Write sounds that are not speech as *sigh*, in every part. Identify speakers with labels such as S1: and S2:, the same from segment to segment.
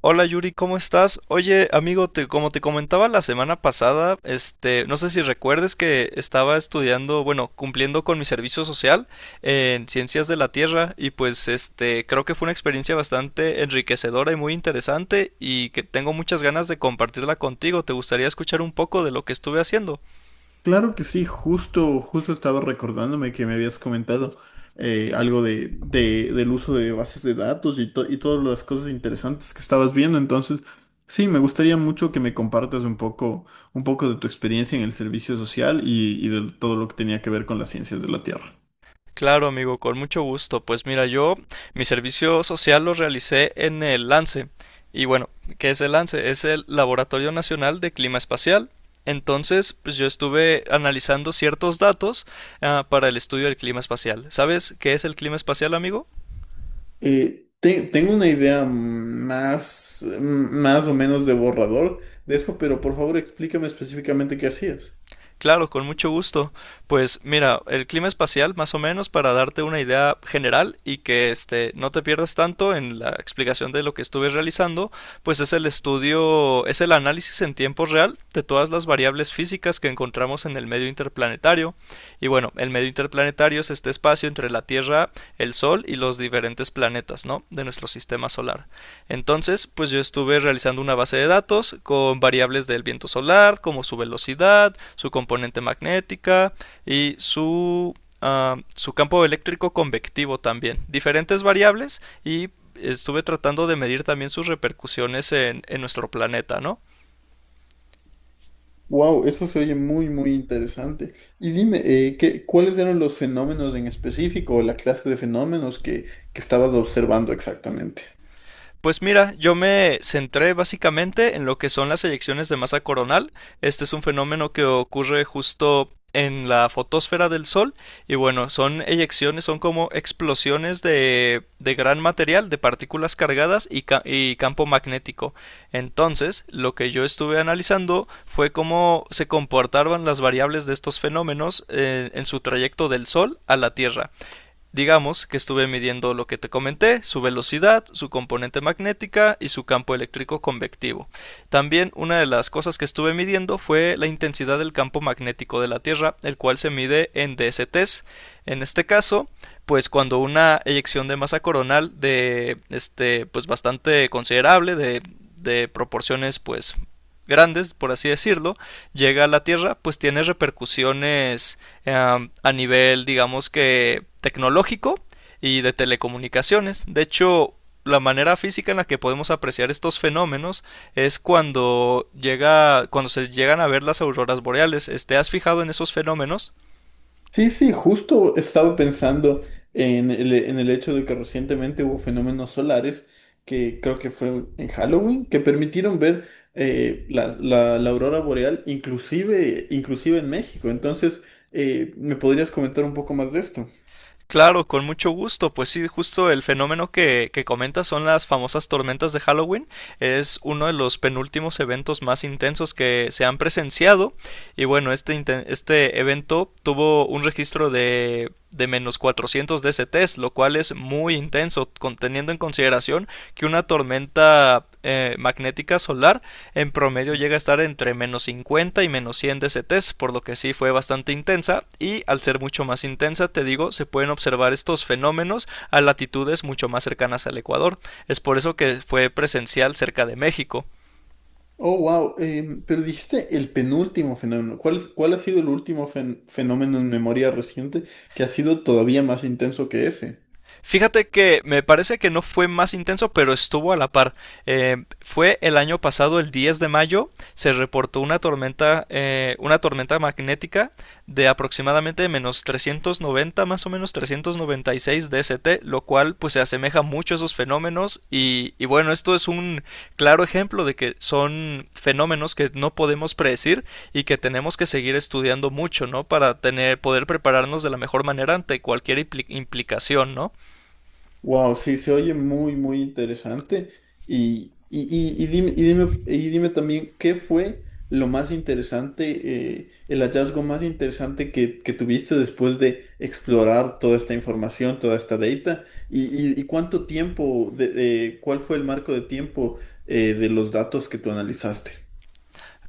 S1: Hola Yuri, ¿cómo estás? Oye, amigo, como te comentaba la semana pasada, no sé si recuerdes que estaba estudiando, bueno, cumpliendo con mi servicio social en Ciencias de la Tierra y pues creo que fue una experiencia bastante enriquecedora y muy interesante y que tengo muchas ganas de compartirla contigo. ¿Te gustaría escuchar un poco de lo que estuve haciendo?
S2: Claro que sí, justo estaba recordándome que me habías comentado algo del uso de bases de datos y, y todas las cosas interesantes que estabas viendo. Entonces, sí, me gustaría mucho que me compartas un poco de tu experiencia en el servicio social y de todo lo que tenía que ver con las ciencias de la Tierra.
S1: Claro, amigo, con mucho gusto. Pues mira, yo mi servicio social lo realicé en el LANCE. Y bueno, ¿qué es el LANCE? Es el Laboratorio Nacional de Clima Espacial. Entonces, pues yo estuve analizando ciertos datos para el estudio del clima espacial. ¿Sabes qué es el clima espacial, amigo?
S2: Tengo una idea más o menos de borrador de eso, pero por favor explícame específicamente qué hacías.
S1: Claro, con mucho gusto. Pues mira, el clima espacial, más o menos, para darte una idea general y que no te pierdas tanto en la explicación de lo que estuve realizando, pues es el estudio, es el análisis en tiempo real de todas las variables físicas que encontramos en el medio interplanetario. Y bueno, el medio interplanetario es este espacio entre la Tierra, el Sol y los diferentes planetas, ¿no? De nuestro sistema solar. Entonces, pues yo estuve realizando una base de datos con variables del viento solar, como su velocidad, su componente magnética y su campo eléctrico convectivo también. Diferentes variables y estuve tratando de medir también sus repercusiones en nuestro planeta, ¿no?
S2: Wow, eso se oye muy interesante. Y dime, ¿qué, cuáles eran los fenómenos en específico o la clase de fenómenos que estabas observando exactamente?
S1: Pues mira, yo me centré básicamente en lo que son las eyecciones de masa coronal. Este es un fenómeno que ocurre justo en la fotosfera del Sol y bueno, son eyecciones, son como explosiones de gran material, de partículas cargadas y campo magnético. Entonces, lo que yo estuve analizando fue cómo se comportaban las variables de estos fenómenos en su trayecto del Sol a la Tierra. Digamos que estuve midiendo lo que te comenté, su velocidad, su componente magnética y su campo eléctrico convectivo. También una de las cosas que estuve midiendo fue la intensidad del campo magnético de la Tierra, el cual se mide en DSTs. En este caso, pues cuando una eyección de masa coronal de este pues bastante considerable de proporciones pues grandes, por así decirlo, llega a la Tierra, pues tiene repercusiones a nivel, digamos que tecnológico y de telecomunicaciones. De hecho, la manera física en la que podemos apreciar estos fenómenos es cuando se llegan a ver las auroras boreales. ¿Te has fijado en esos fenómenos?
S2: Sí, sí, justo estaba pensando en en el hecho de que recientemente hubo fenómenos solares que creo que fue en Halloween, que permitieron ver la aurora boreal inclusive, inclusive en México. Entonces, ¿me podrías comentar un poco más de esto?
S1: Claro, con mucho gusto. Pues sí, justo el fenómeno que comentas son las famosas tormentas de Halloween. Es uno de los penúltimos eventos más intensos que se han presenciado. Y bueno, este evento tuvo un registro de menos 400 DCTs, lo cual es muy intenso, teniendo en consideración que una tormenta magnética solar en promedio llega a estar entre menos 50 y menos 100 DCTs, por lo que sí fue bastante intensa y al ser mucho más intensa, te digo, se pueden observar estos fenómenos a latitudes mucho más cercanas al Ecuador. Es por eso que fue presencial cerca de México.
S2: Oh, wow. Pero dijiste el penúltimo fenómeno. Cuál ha sido el último fenómeno en memoria reciente que ha sido todavía más intenso que ese?
S1: Fíjate que me parece que no fue más intenso, pero estuvo a la par. Fue el año pasado, el 10 de mayo, se reportó una tormenta magnética de aproximadamente menos 390, más o menos 396 DST, lo cual pues se asemeja mucho a esos fenómenos y bueno, esto es un claro ejemplo de que son fenómenos que no podemos predecir y que tenemos que seguir estudiando mucho, ¿no? Para poder prepararnos de la mejor manera ante cualquier implicación, ¿no?
S2: Wow, sí, se oye muy interesante. Y, y, y dime, y dime, y dime también, ¿qué fue lo más interesante, el hallazgo más interesante que tuviste después de explorar toda esta información, toda esta data? ¿Y, y cuánto tiempo, cuál fue el marco de tiempo, de los datos que tú analizaste?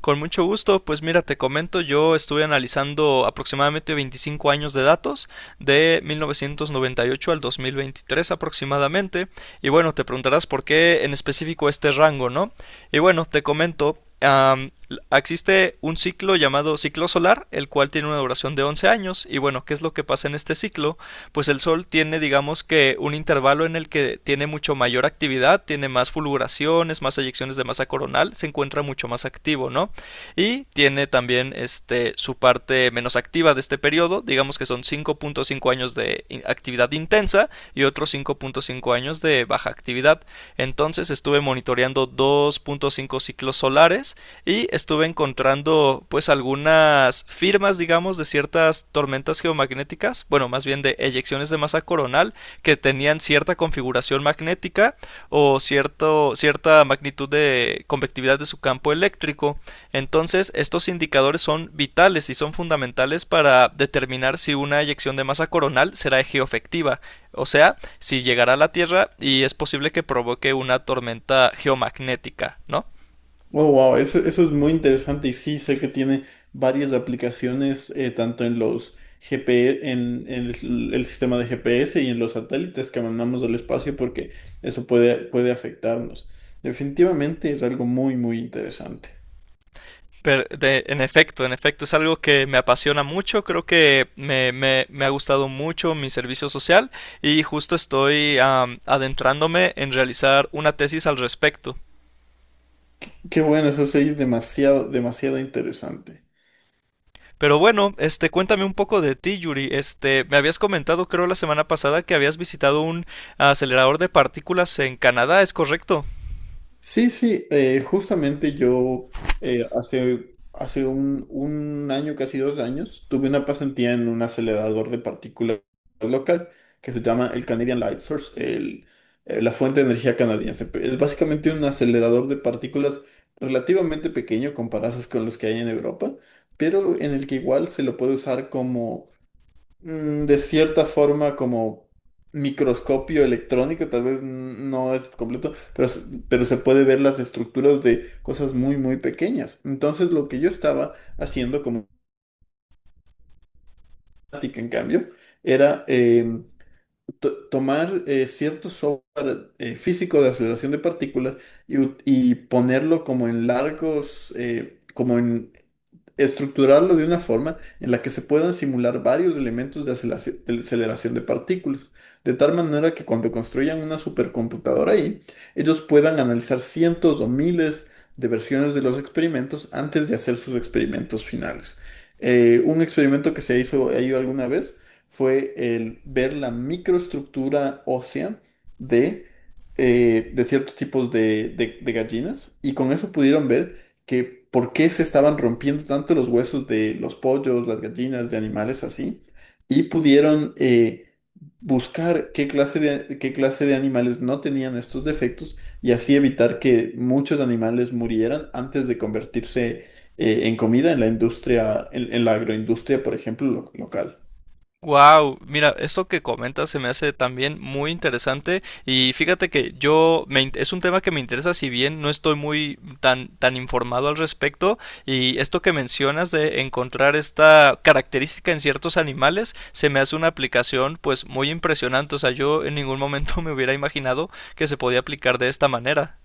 S1: Con mucho gusto, pues mira, te comento, yo estuve analizando aproximadamente 25 años de datos, de 1998 al 2023 aproximadamente, y bueno, te preguntarás por qué en específico este rango, ¿no? Y bueno, te comento, existe un ciclo llamado ciclo solar, el cual tiene una duración de 11 años, y bueno, ¿qué es lo que pasa en este ciclo? Pues el Sol tiene, digamos que, un intervalo en el que tiene mucho mayor actividad, tiene más fulguraciones, más eyecciones de masa coronal, se encuentra mucho más activo, ¿no? Y tiene también su parte menos activa de este periodo, digamos que son 5,5 años de actividad intensa y otros 5,5 años de baja actividad. Entonces estuve monitoreando 2,5 ciclos solares y estuve encontrando pues algunas firmas, digamos, de ciertas tormentas geomagnéticas, bueno, más bien de eyecciones de masa coronal que tenían cierta configuración magnética o cierta magnitud de convectividad de su campo eléctrico. Entonces, estos indicadores son vitales y son fundamentales para determinar si una eyección de masa coronal será geoefectiva, o sea, si llegará a la Tierra y es posible que provoque una tormenta geomagnética, ¿no?
S2: Oh, wow, eso es muy interesante y sí, sé que tiene varias aplicaciones, tanto en los GP en el sistema de GPS y en los satélites que mandamos al espacio, porque puede afectarnos. Definitivamente es algo muy interesante.
S1: Pero en efecto, es algo que me apasiona mucho, creo que me ha gustado mucho mi servicio social y justo estoy adentrándome en realizar una tesis al respecto.
S2: Qué bueno, eso sí, demasiado interesante.
S1: Pero bueno, cuéntame un poco de ti, Yuri. Me habías comentado, creo, la semana pasada que habías visitado un acelerador de partículas en Canadá, ¿es correcto?
S2: Sí, sí, justamente yo hace un año, casi dos años, tuve una pasantía en un acelerador de partículas local que se llama el Canadian Light Source, la fuente de energía canadiense. Es básicamente un acelerador de partículas relativamente pequeño comparados con los que hay en Europa, pero en el que igual se lo puede usar como de cierta forma, como microscopio electrónico, tal vez no es completo, pero, pero se puede ver las estructuras de cosas muy pequeñas. Entonces, lo que yo estaba haciendo como práctica, en cambio, era tomar cierto software físico de aceleración de partículas y, y ponerlo como en largos, como en estructurarlo de una forma en la que se puedan simular varios elementos de de aceleración de partículas, de tal manera que cuando construyan una supercomputadora ahí, ellos puedan analizar cientos o miles de versiones de los experimentos antes de hacer sus experimentos finales. Un experimento que se hizo ahí alguna vez fue el ver la microestructura ósea de, de ciertos tipos de gallinas y con eso pudieron ver que por qué se estaban rompiendo tanto los huesos de los pollos, las gallinas, de animales así y pudieron buscar qué clase qué clase de animales no tenían estos defectos y así evitar que muchos animales murieran antes de convertirse en comida en la industria, en la agroindustria, por ejemplo, local.
S1: Wow, mira, esto que comentas se me hace también muy interesante y fíjate que es un tema que me interesa si bien no estoy muy tan tan informado al respecto y esto que mencionas de encontrar esta característica en ciertos animales se me hace una aplicación pues muy impresionante, o sea, yo en ningún momento *laughs* me hubiera imaginado que se podía aplicar de esta manera.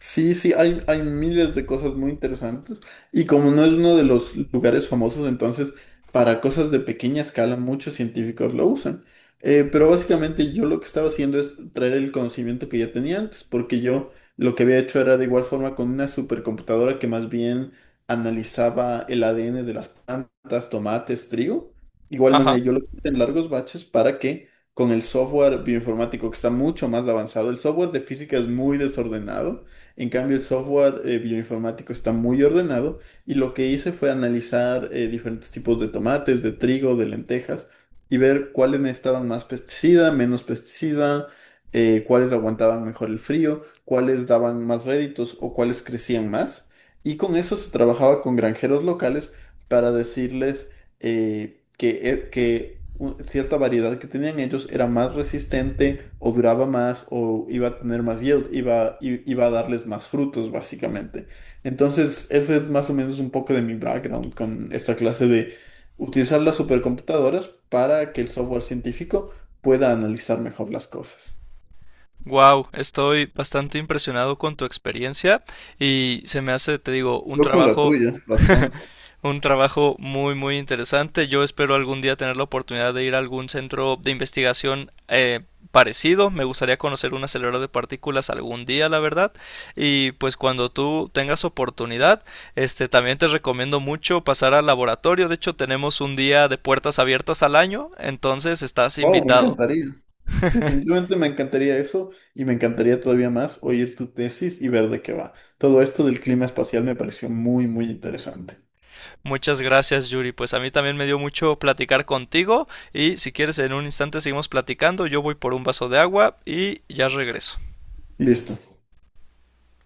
S2: Sí, sí, hay miles de cosas muy interesantes y como no es uno de los lugares famosos, entonces para cosas de pequeña escala muchos científicos lo usan. Pero básicamente yo lo que estaba haciendo es traer el conocimiento que ya tenía antes, porque yo lo que había hecho era de igual forma con una supercomputadora que más bien analizaba el ADN de las plantas, tomates, trigo. Igual manera
S1: Ajá.
S2: yo lo hice en largos baches para que con el software bioinformático que está mucho más avanzado, el software de física es muy desordenado. En cambio, el software bioinformático está muy ordenado y lo que hice fue analizar diferentes tipos de tomates, de trigo, de lentejas y ver cuáles necesitaban más pesticida, menos pesticida, cuáles aguantaban mejor el frío, cuáles daban más réditos o cuáles crecían más. Y con eso se trabajaba con granjeros locales para decirles cierta variedad que tenían ellos era más resistente o duraba más o iba a tener más yield, iba a darles más frutos básicamente. Entonces, ese es más o menos un poco de mi background con esta clase de utilizar las supercomputadoras para que el software científico pueda analizar mejor las cosas.
S1: Wow, estoy bastante impresionado con tu experiencia y se me hace, te digo,
S2: Yo con la tuya, bastante.
S1: un trabajo muy, muy interesante. Yo espero algún día tener la oportunidad de ir a algún centro de investigación parecido. Me gustaría conocer un acelerador de partículas algún día, la verdad. Y pues cuando tú tengas oportunidad, también te recomiendo mucho pasar al laboratorio. De hecho, tenemos un día de puertas abiertas al año, entonces estás
S2: Wow, me
S1: invitado.
S2: encantaría. Definitivamente me encantaría eso y me encantaría todavía más oír tu tesis y ver de qué va. Todo esto del clima espacial me pareció muy interesante.
S1: Muchas gracias, Yuri. Pues a mí también me dio mucho platicar contigo y si quieres en un instante seguimos platicando. Yo voy por un vaso de agua y ya regreso.
S2: Listo.